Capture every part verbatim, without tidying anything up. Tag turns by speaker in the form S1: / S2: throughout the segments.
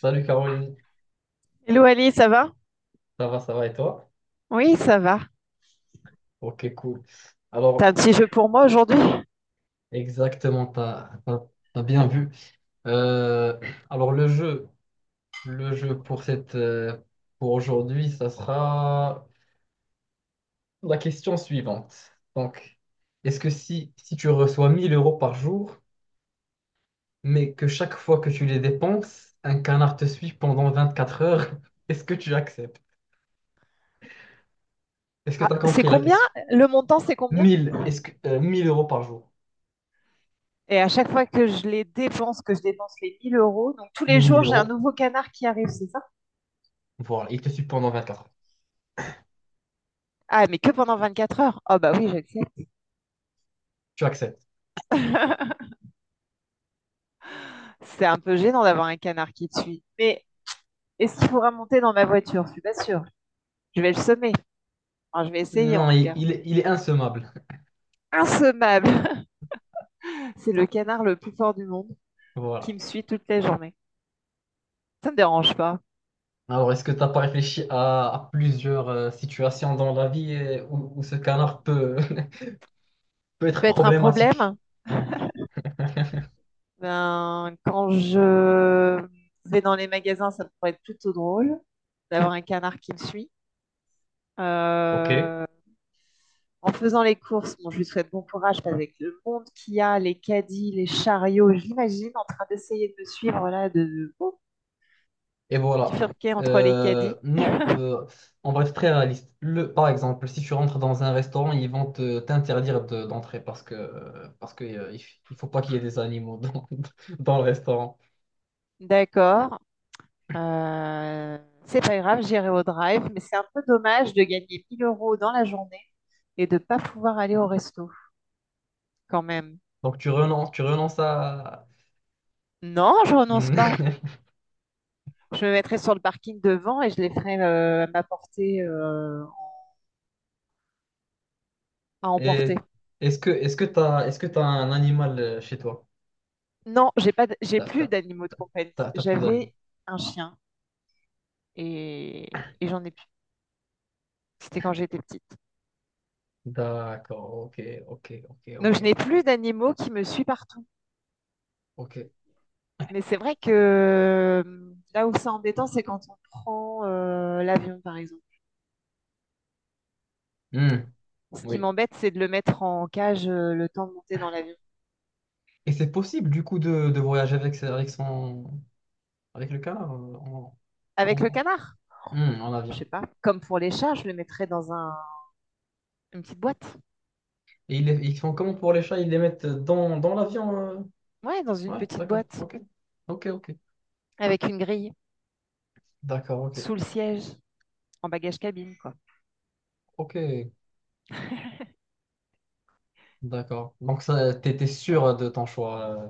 S1: Salut Caroline,
S2: Hello Ali, ça va?
S1: ça va, ça va et toi?
S2: Oui, ça va.
S1: Ok, cool.
S2: T'as un
S1: Alors,
S2: petit jeu pour moi aujourd'hui?
S1: exactement, t'as, t'as, t'as bien vu. Euh, alors, le jeu, le jeu pour cette, euh, pour aujourd'hui, ça sera la question suivante. Donc, est-ce que si, si tu reçois mille euros par jour, mais que chaque fois que tu les dépenses, un canard te suit pendant vingt-quatre heures, est-ce que tu acceptes? Est-ce que
S2: Ah,
S1: tu as
S2: c'est
S1: compris la
S2: combien?
S1: question?
S2: Le montant, c'est combien?
S1: Mille, est-ce que, euh, mille euros par jour,
S2: Et à chaque fois que je les dépense, que je dépense les mille euros, donc tous les
S1: les
S2: jours,
S1: mille
S2: j'ai un
S1: euros,
S2: nouveau canard qui arrive, c'est ça?
S1: voilà, il te suit pendant vingt-quatre.
S2: Ah, mais que pendant vingt-quatre heures? Oh bah oui, j'accepte.
S1: Tu acceptes.
S2: C'est un peu gênant d'avoir un canard qui te suit. Mais est-ce qu'il faudra monter dans ma voiture? Je suis pas sûre. Je vais le semer. Enfin, je vais essayer en
S1: Non,
S2: tout
S1: il,
S2: cas.
S1: il- il est insommable.
S2: Insommable! C'est le canard le plus fort du monde qui
S1: Voilà.
S2: me suit toute la journée. Ça me dérange pas.
S1: Alors, est-ce que tu n'as pas réfléchi à, à plusieurs euh, situations dans la vie euh, où, où ce canard peut, peut être
S2: Peut être un
S1: problématique?
S2: problème.
S1: Hein.
S2: Ben, quand je vais dans les magasins, ça pourrait être plutôt drôle d'avoir un canard qui me suit.
S1: Ok. Et
S2: Euh, En faisant les courses, bon, je lui souhaite bon courage parce qu'avec le monde qu'il y a, les caddies, les chariots, je l'imagine en train d'essayer de me suivre là, de de- oh,
S1: voilà.
S2: bifurquer entre les
S1: Euh,
S2: caddies.
S1: non, euh, on va être très réaliste. Le, par exemple, si tu rentres dans un restaurant, ils vont te t'interdire de- d'entrer parce que, euh, parce que, euh, il f- il faut pas qu'il y ait des animaux dans, dans le restaurant.
S2: D'accord. Euh, c'est pas grave, j'irai au drive, mais c'est un peu dommage de gagner mille euros dans la journée et de pas pouvoir aller au resto quand même.
S1: Donc, tu renonces, tu renonces à…
S2: Non, je renonce pas. Je me mettrai sur le parking devant et je les ferai euh, m'apporter euh, à emporter.
S1: Et est-ce que est-ce que t'as est-ce que t'as un animal euh, chez toi?
S2: Non, j'ai pas, d- j'ai
S1: T'as
S2: plus
S1: t'as-
S2: d'animaux de
S1: t'as-
S2: compagnie.
S1: t'as- T'as plus d'animaux.
S2: J'avais un chien et, et j'en ai plus. C'était quand j'étais petite.
S1: D'accord, ok, ok, ok, ok,
S2: Donc je
S1: ok.
S2: n'ai plus d'animaux qui me suivent partout.
S1: ok.
S2: Mais c'est vrai que euh, là où c'est embêtant, c'est quand on prend euh, l'avion, par exemple.
S1: Hmm,
S2: Ce qui
S1: oui.
S2: m'embête, c'est de le mettre en cage euh, le temps de monter dans l'avion.
S1: Et c'est possible du coup de, de voyager avec, sa- avec son avec le canard euh, en,
S2: Avec
S1: en,
S2: le canard,
S1: Hmm, en
S2: je
S1: avion.
S2: sais pas. Comme pour les chats, je le mettrais dans un, une petite boîte.
S1: Et ils, les- ils font comment pour les chats? Ils les mettent dans, dans l'avion, euh.
S2: Ouais, dans une
S1: Ouais,
S2: petite
S1: d'accord,
S2: boîte.
S1: ok. Ok, ok.
S2: Avec une grille
S1: D'accord, ok.
S2: sous le siège, en bagage cabine, quoi.
S1: Ok, d'accord. Donc ça, t'étais sûr de ton choix. euh,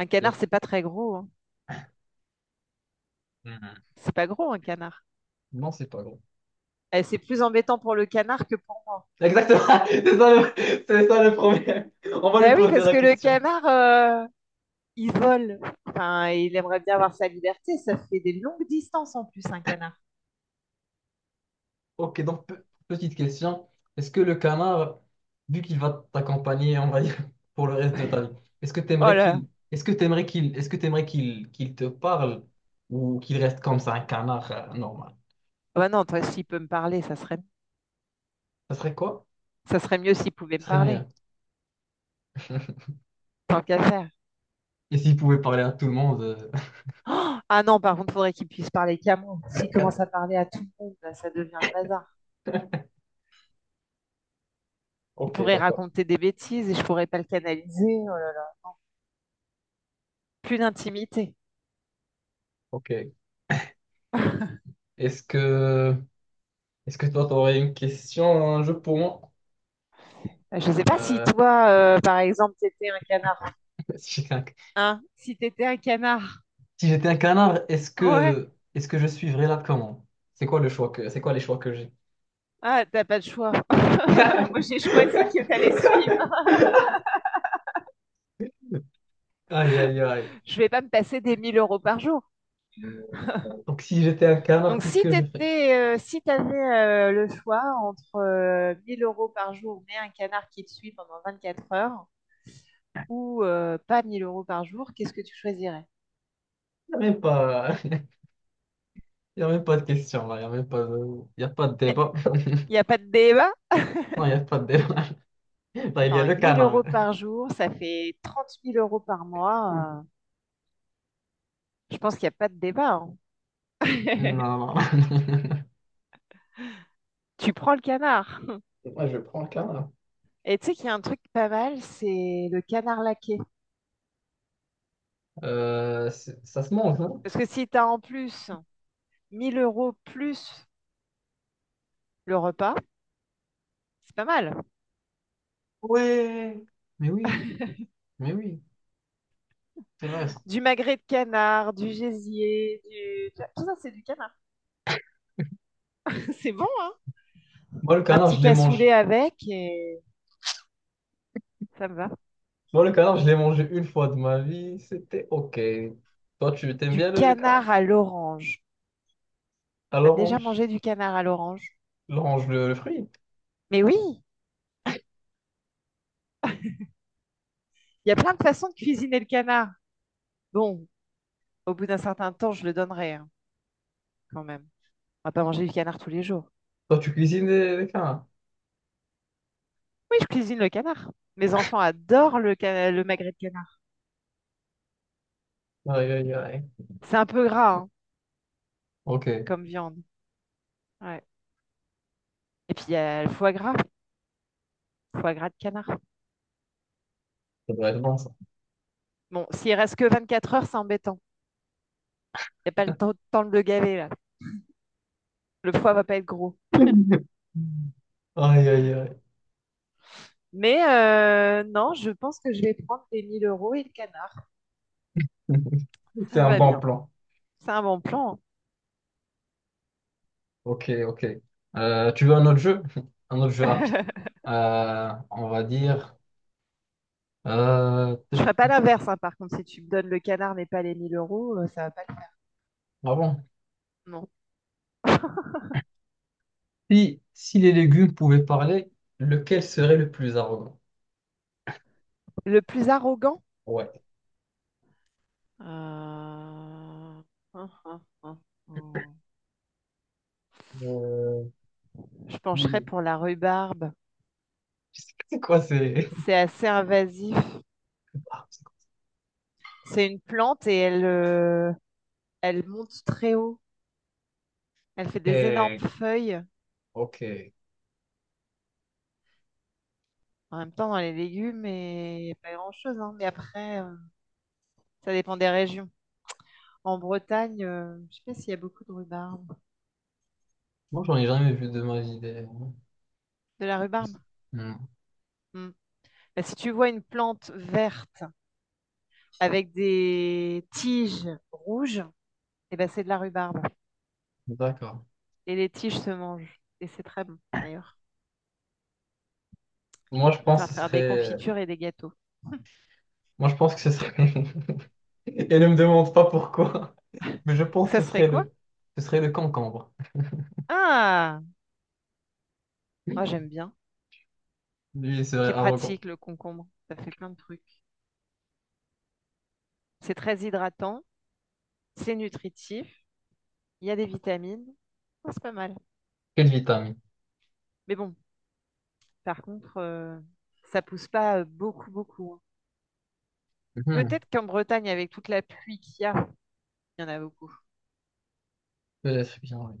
S2: Un
S1: y
S2: canard,
S1: a-
S2: c'est pas très gros, hein.
S1: Hmm.
S2: C'est pas gros, un canard.
S1: Non, c'est pas grave.
S2: Eh, c'est plus embêtant pour le canard que pour...
S1: Exactement, c'est ça le, c'est ça le problème. On va lui
S2: Ben oui,
S1: poser
S2: parce
S1: la
S2: que le
S1: question.
S2: canard, euh, il vole. Enfin, il aimerait bien avoir sa liberté. Ça fait des longues distances en plus, un canard.
S1: Ok, donc pe- petite question. Est-ce que le canard, vu qu'il va t'accompagner, on va dire, pour le reste de ta vie, est-ce que
S2: Oh
S1: t'aimerais
S2: là.
S1: qu'il, est-ce que t'aimerais qu'il, est-ce que t'aimerais qu'il, qu'il te parle ou qu'il reste comme ça, un canard euh, normal?
S2: Ben non, toi, s'il peut me parler, ça serait,
S1: Ça serait quoi?
S2: ça serait mieux s'il pouvait me
S1: Ça serait
S2: parler.
S1: rien.
S2: Tant qu'à faire.
S1: Et s'il pouvait parler à tout le monde, euh,
S2: Oh ah non, par contre, il faudrait qu'il puisse parler qu'à moi. S'il
S1: Quatre.
S2: commence
S1: Quatre.
S2: à parler à tout le monde, là, ça devient le bazar. Il
S1: Ok,
S2: pourrait
S1: d'accord.
S2: raconter des bêtises et je pourrais pas le canaliser. Oh là. Plus d'intimité.
S1: Ok. Est-ce que, est-ce que toi, t'aurais une question, un jeu pour moi?
S2: Je ne sais pas si
S1: Euh,
S2: toi, euh, par exemple, t'étais un canard.
S1: si quelqu'un.
S2: Hein? Si t'étais un canard.
S1: Si j'étais un canard, est-ce
S2: Ouais.
S1: que est-ce que je suivrais la commande? C'est quoi le choix que c'est quoi les choix que j'ai?
S2: Ah, t'as pas de choix. Moi, j'ai choisi que t'allais suivre.
S1: Aïe aïe aïe.
S2: Je vais pas me passer des mille euros par jour.
S1: Donc si j'étais un canard,
S2: Donc,
S1: qu'est-ce
S2: si
S1: que je fais?
S2: t'étais, euh, si t'avais euh, le choix entre euh, mille euros par jour, mais un canard qui te suit pendant vingt-quatre heures, ou euh, pas mille euros par jour, qu'est-ce que tu choisirais?
S1: Il n'y a même pas y a même pas de question là, il n'y a même pas de y a pas de
S2: Mais
S1: débat.
S2: il n'y a pas de débat?
S1: Non, il n'y a pas de débat. Là, il y
S2: Attends,
S1: a
S2: hein,
S1: le
S2: mille
S1: canard.
S2: euros par jour, ça fait trente mille euros par mois. euh, je pense qu'il n'y a pas de débat, hein.
S1: Non, non.
S2: Tu prends le canard.
S1: Moi, je prends le canard.
S2: Et tu sais qu'il y a un truc pas mal, c'est le canard laqué.
S1: Euh, c'est- ça se mange, non?
S2: Parce que si tu as en plus mille euros plus le repas, c'est pas mal.
S1: Ouais. Mais oui, mais oui, c'est vrai. Ça.
S2: Du magret de canard, du gésier, du... tout ça, c'est du canard. C'est bon, hein?
S1: Moi, le
S2: Un
S1: canard,
S2: petit
S1: je les
S2: cassoulet
S1: mange.
S2: avec et ça me va.
S1: Moi, le canard, je l'ai mangé une fois de ma vie, c'était OK. Toi, tu t'aimes
S2: Du
S1: bien le, le canard?
S2: canard à l'orange.
S1: À
S2: T'as déjà
S1: l'orange?
S2: mangé du canard à l'orange?
S1: L'orange, le, le fruit?
S2: Mais oui, il y a plein de façons de cuisiner le canard. Bon, au bout d'un certain temps, je le donnerai hein, quand même. On va pas manger du canard tous les jours.
S1: Toi, tu cuisines les, les canards?
S2: Oui, je cuisine le canard. Mes enfants adorent le, cana- le magret de canard.
S1: Aïe, aïe, aïe.
S2: C'est un peu gras hein,
S1: OK, ça
S2: comme viande. Ouais. Et puis il y a le foie gras, foie gras de canard.
S1: devrait être bon, ça.
S2: Bon, s'il reste que vingt-quatre heures, c'est embêtant. Il n'y a pas le temps, temps de le gaver là. Le foie va pas être gros.
S1: Aïe, aïe, aïe.
S2: Mais euh, non, je pense que je vais prendre les mille euros et le canard.
S1: C'est
S2: Ça me
S1: un
S2: va
S1: bon
S2: bien.
S1: plan.
S2: C'est un bon plan,
S1: OK, OK. Euh, tu veux un autre jeu? Un autre jeu rapide.
S2: hein.
S1: Euh, on va dire... Euh...
S2: Je ferai pas l'inverse, hein, par contre. Si tu me donnes le canard mais pas les mille euros, euh, ça va pas le faire.
S1: Ah bon.
S2: Non.
S1: Si, si les légumes pouvaient parler, lequel serait le plus arrogant?
S2: Le plus arrogant?
S1: Ouais.
S2: Euh, hum, hum, hum, hum.
S1: Euh,
S2: Je
S1: si les
S2: pencherais
S1: légumes.
S2: pour la rhubarbe.
S1: C'est quoi, c'est…
S2: C'est assez invasif.
S1: Ah, c'est quoi.
S2: C'est une plante et elle, euh, elle monte très haut. Elle fait des énormes
S1: Eh,
S2: feuilles.
S1: Ok.
S2: En même temps, dans les légumes, et n'y a pas grand-chose, hein. Mais après, euh, ça dépend des régions. En Bretagne, euh, je sais pas s'il y a beaucoup de rhubarbe.
S1: Moi, j'en ai jamais vu de ma vie. Des…
S2: De la rhubarbe?
S1: Hmm.
S2: Hmm. Bah, si tu vois une plante verte avec des tiges rouges, eh ben, c'est de la rhubarbe.
S1: D'accord.
S2: Et les tiges se mangent. Et c'est très bon, d'ailleurs.
S1: Moi, je
S2: Ça sert à
S1: pense que ce
S2: faire des
S1: serait…
S2: confitures et des gâteaux.
S1: Moi, je pense que ce serait… Et ne me demande pas pourquoi, mais je pense
S2: Ça
S1: que ce
S2: serait
S1: serait
S2: quoi?
S1: le… Ce serait le concombre.
S2: Ah, moi j'aime bien.
S1: Lui, il serait
S2: C'est
S1: arrogant.
S2: pratique le concombre, ça fait plein de trucs. C'est très hydratant, c'est nutritif, il y a des vitamines. Oh, c'est pas mal.
S1: Quelle vitamine.
S2: Mais bon, par contre, euh, ça pousse pas euh, beaucoup, beaucoup, hein.
S1: Mhm.
S2: Peut-être qu'en Bretagne, avec toute la pluie qu'il y a, il y en a beaucoup.
S1: Peut-être bien, oui.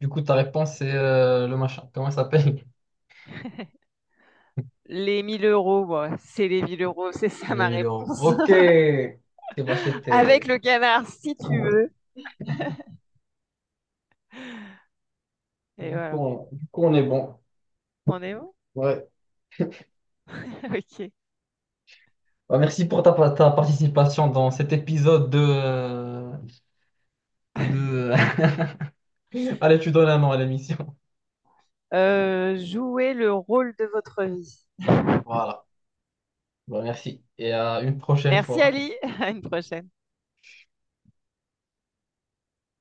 S1: Du coup, ta réponse, c'est euh, le machin. Comment ça s'appelle?
S2: Les mille euros, moi, c'est les mille euros, c'est ça
S1: Allez,
S2: ma
S1: mille euros.
S2: réponse.
S1: Ok. Ok, bah,
S2: Avec
S1: c'était…
S2: le canard, si tu veux. Et
S1: Du coup,
S2: voilà,
S1: on... du coup, on est bon.
S2: on est bon?
S1: Ouais.
S2: Ok.
S1: Bah, merci pour ta, ta participation dans cet épisode de, euh, de... Allez, tu donnes un nom à l'émission.
S2: Euh, jouez le rôle de votre vie.
S1: Voilà. Bah, merci et à une prochaine
S2: Merci
S1: fois.
S2: Ali, à une prochaine.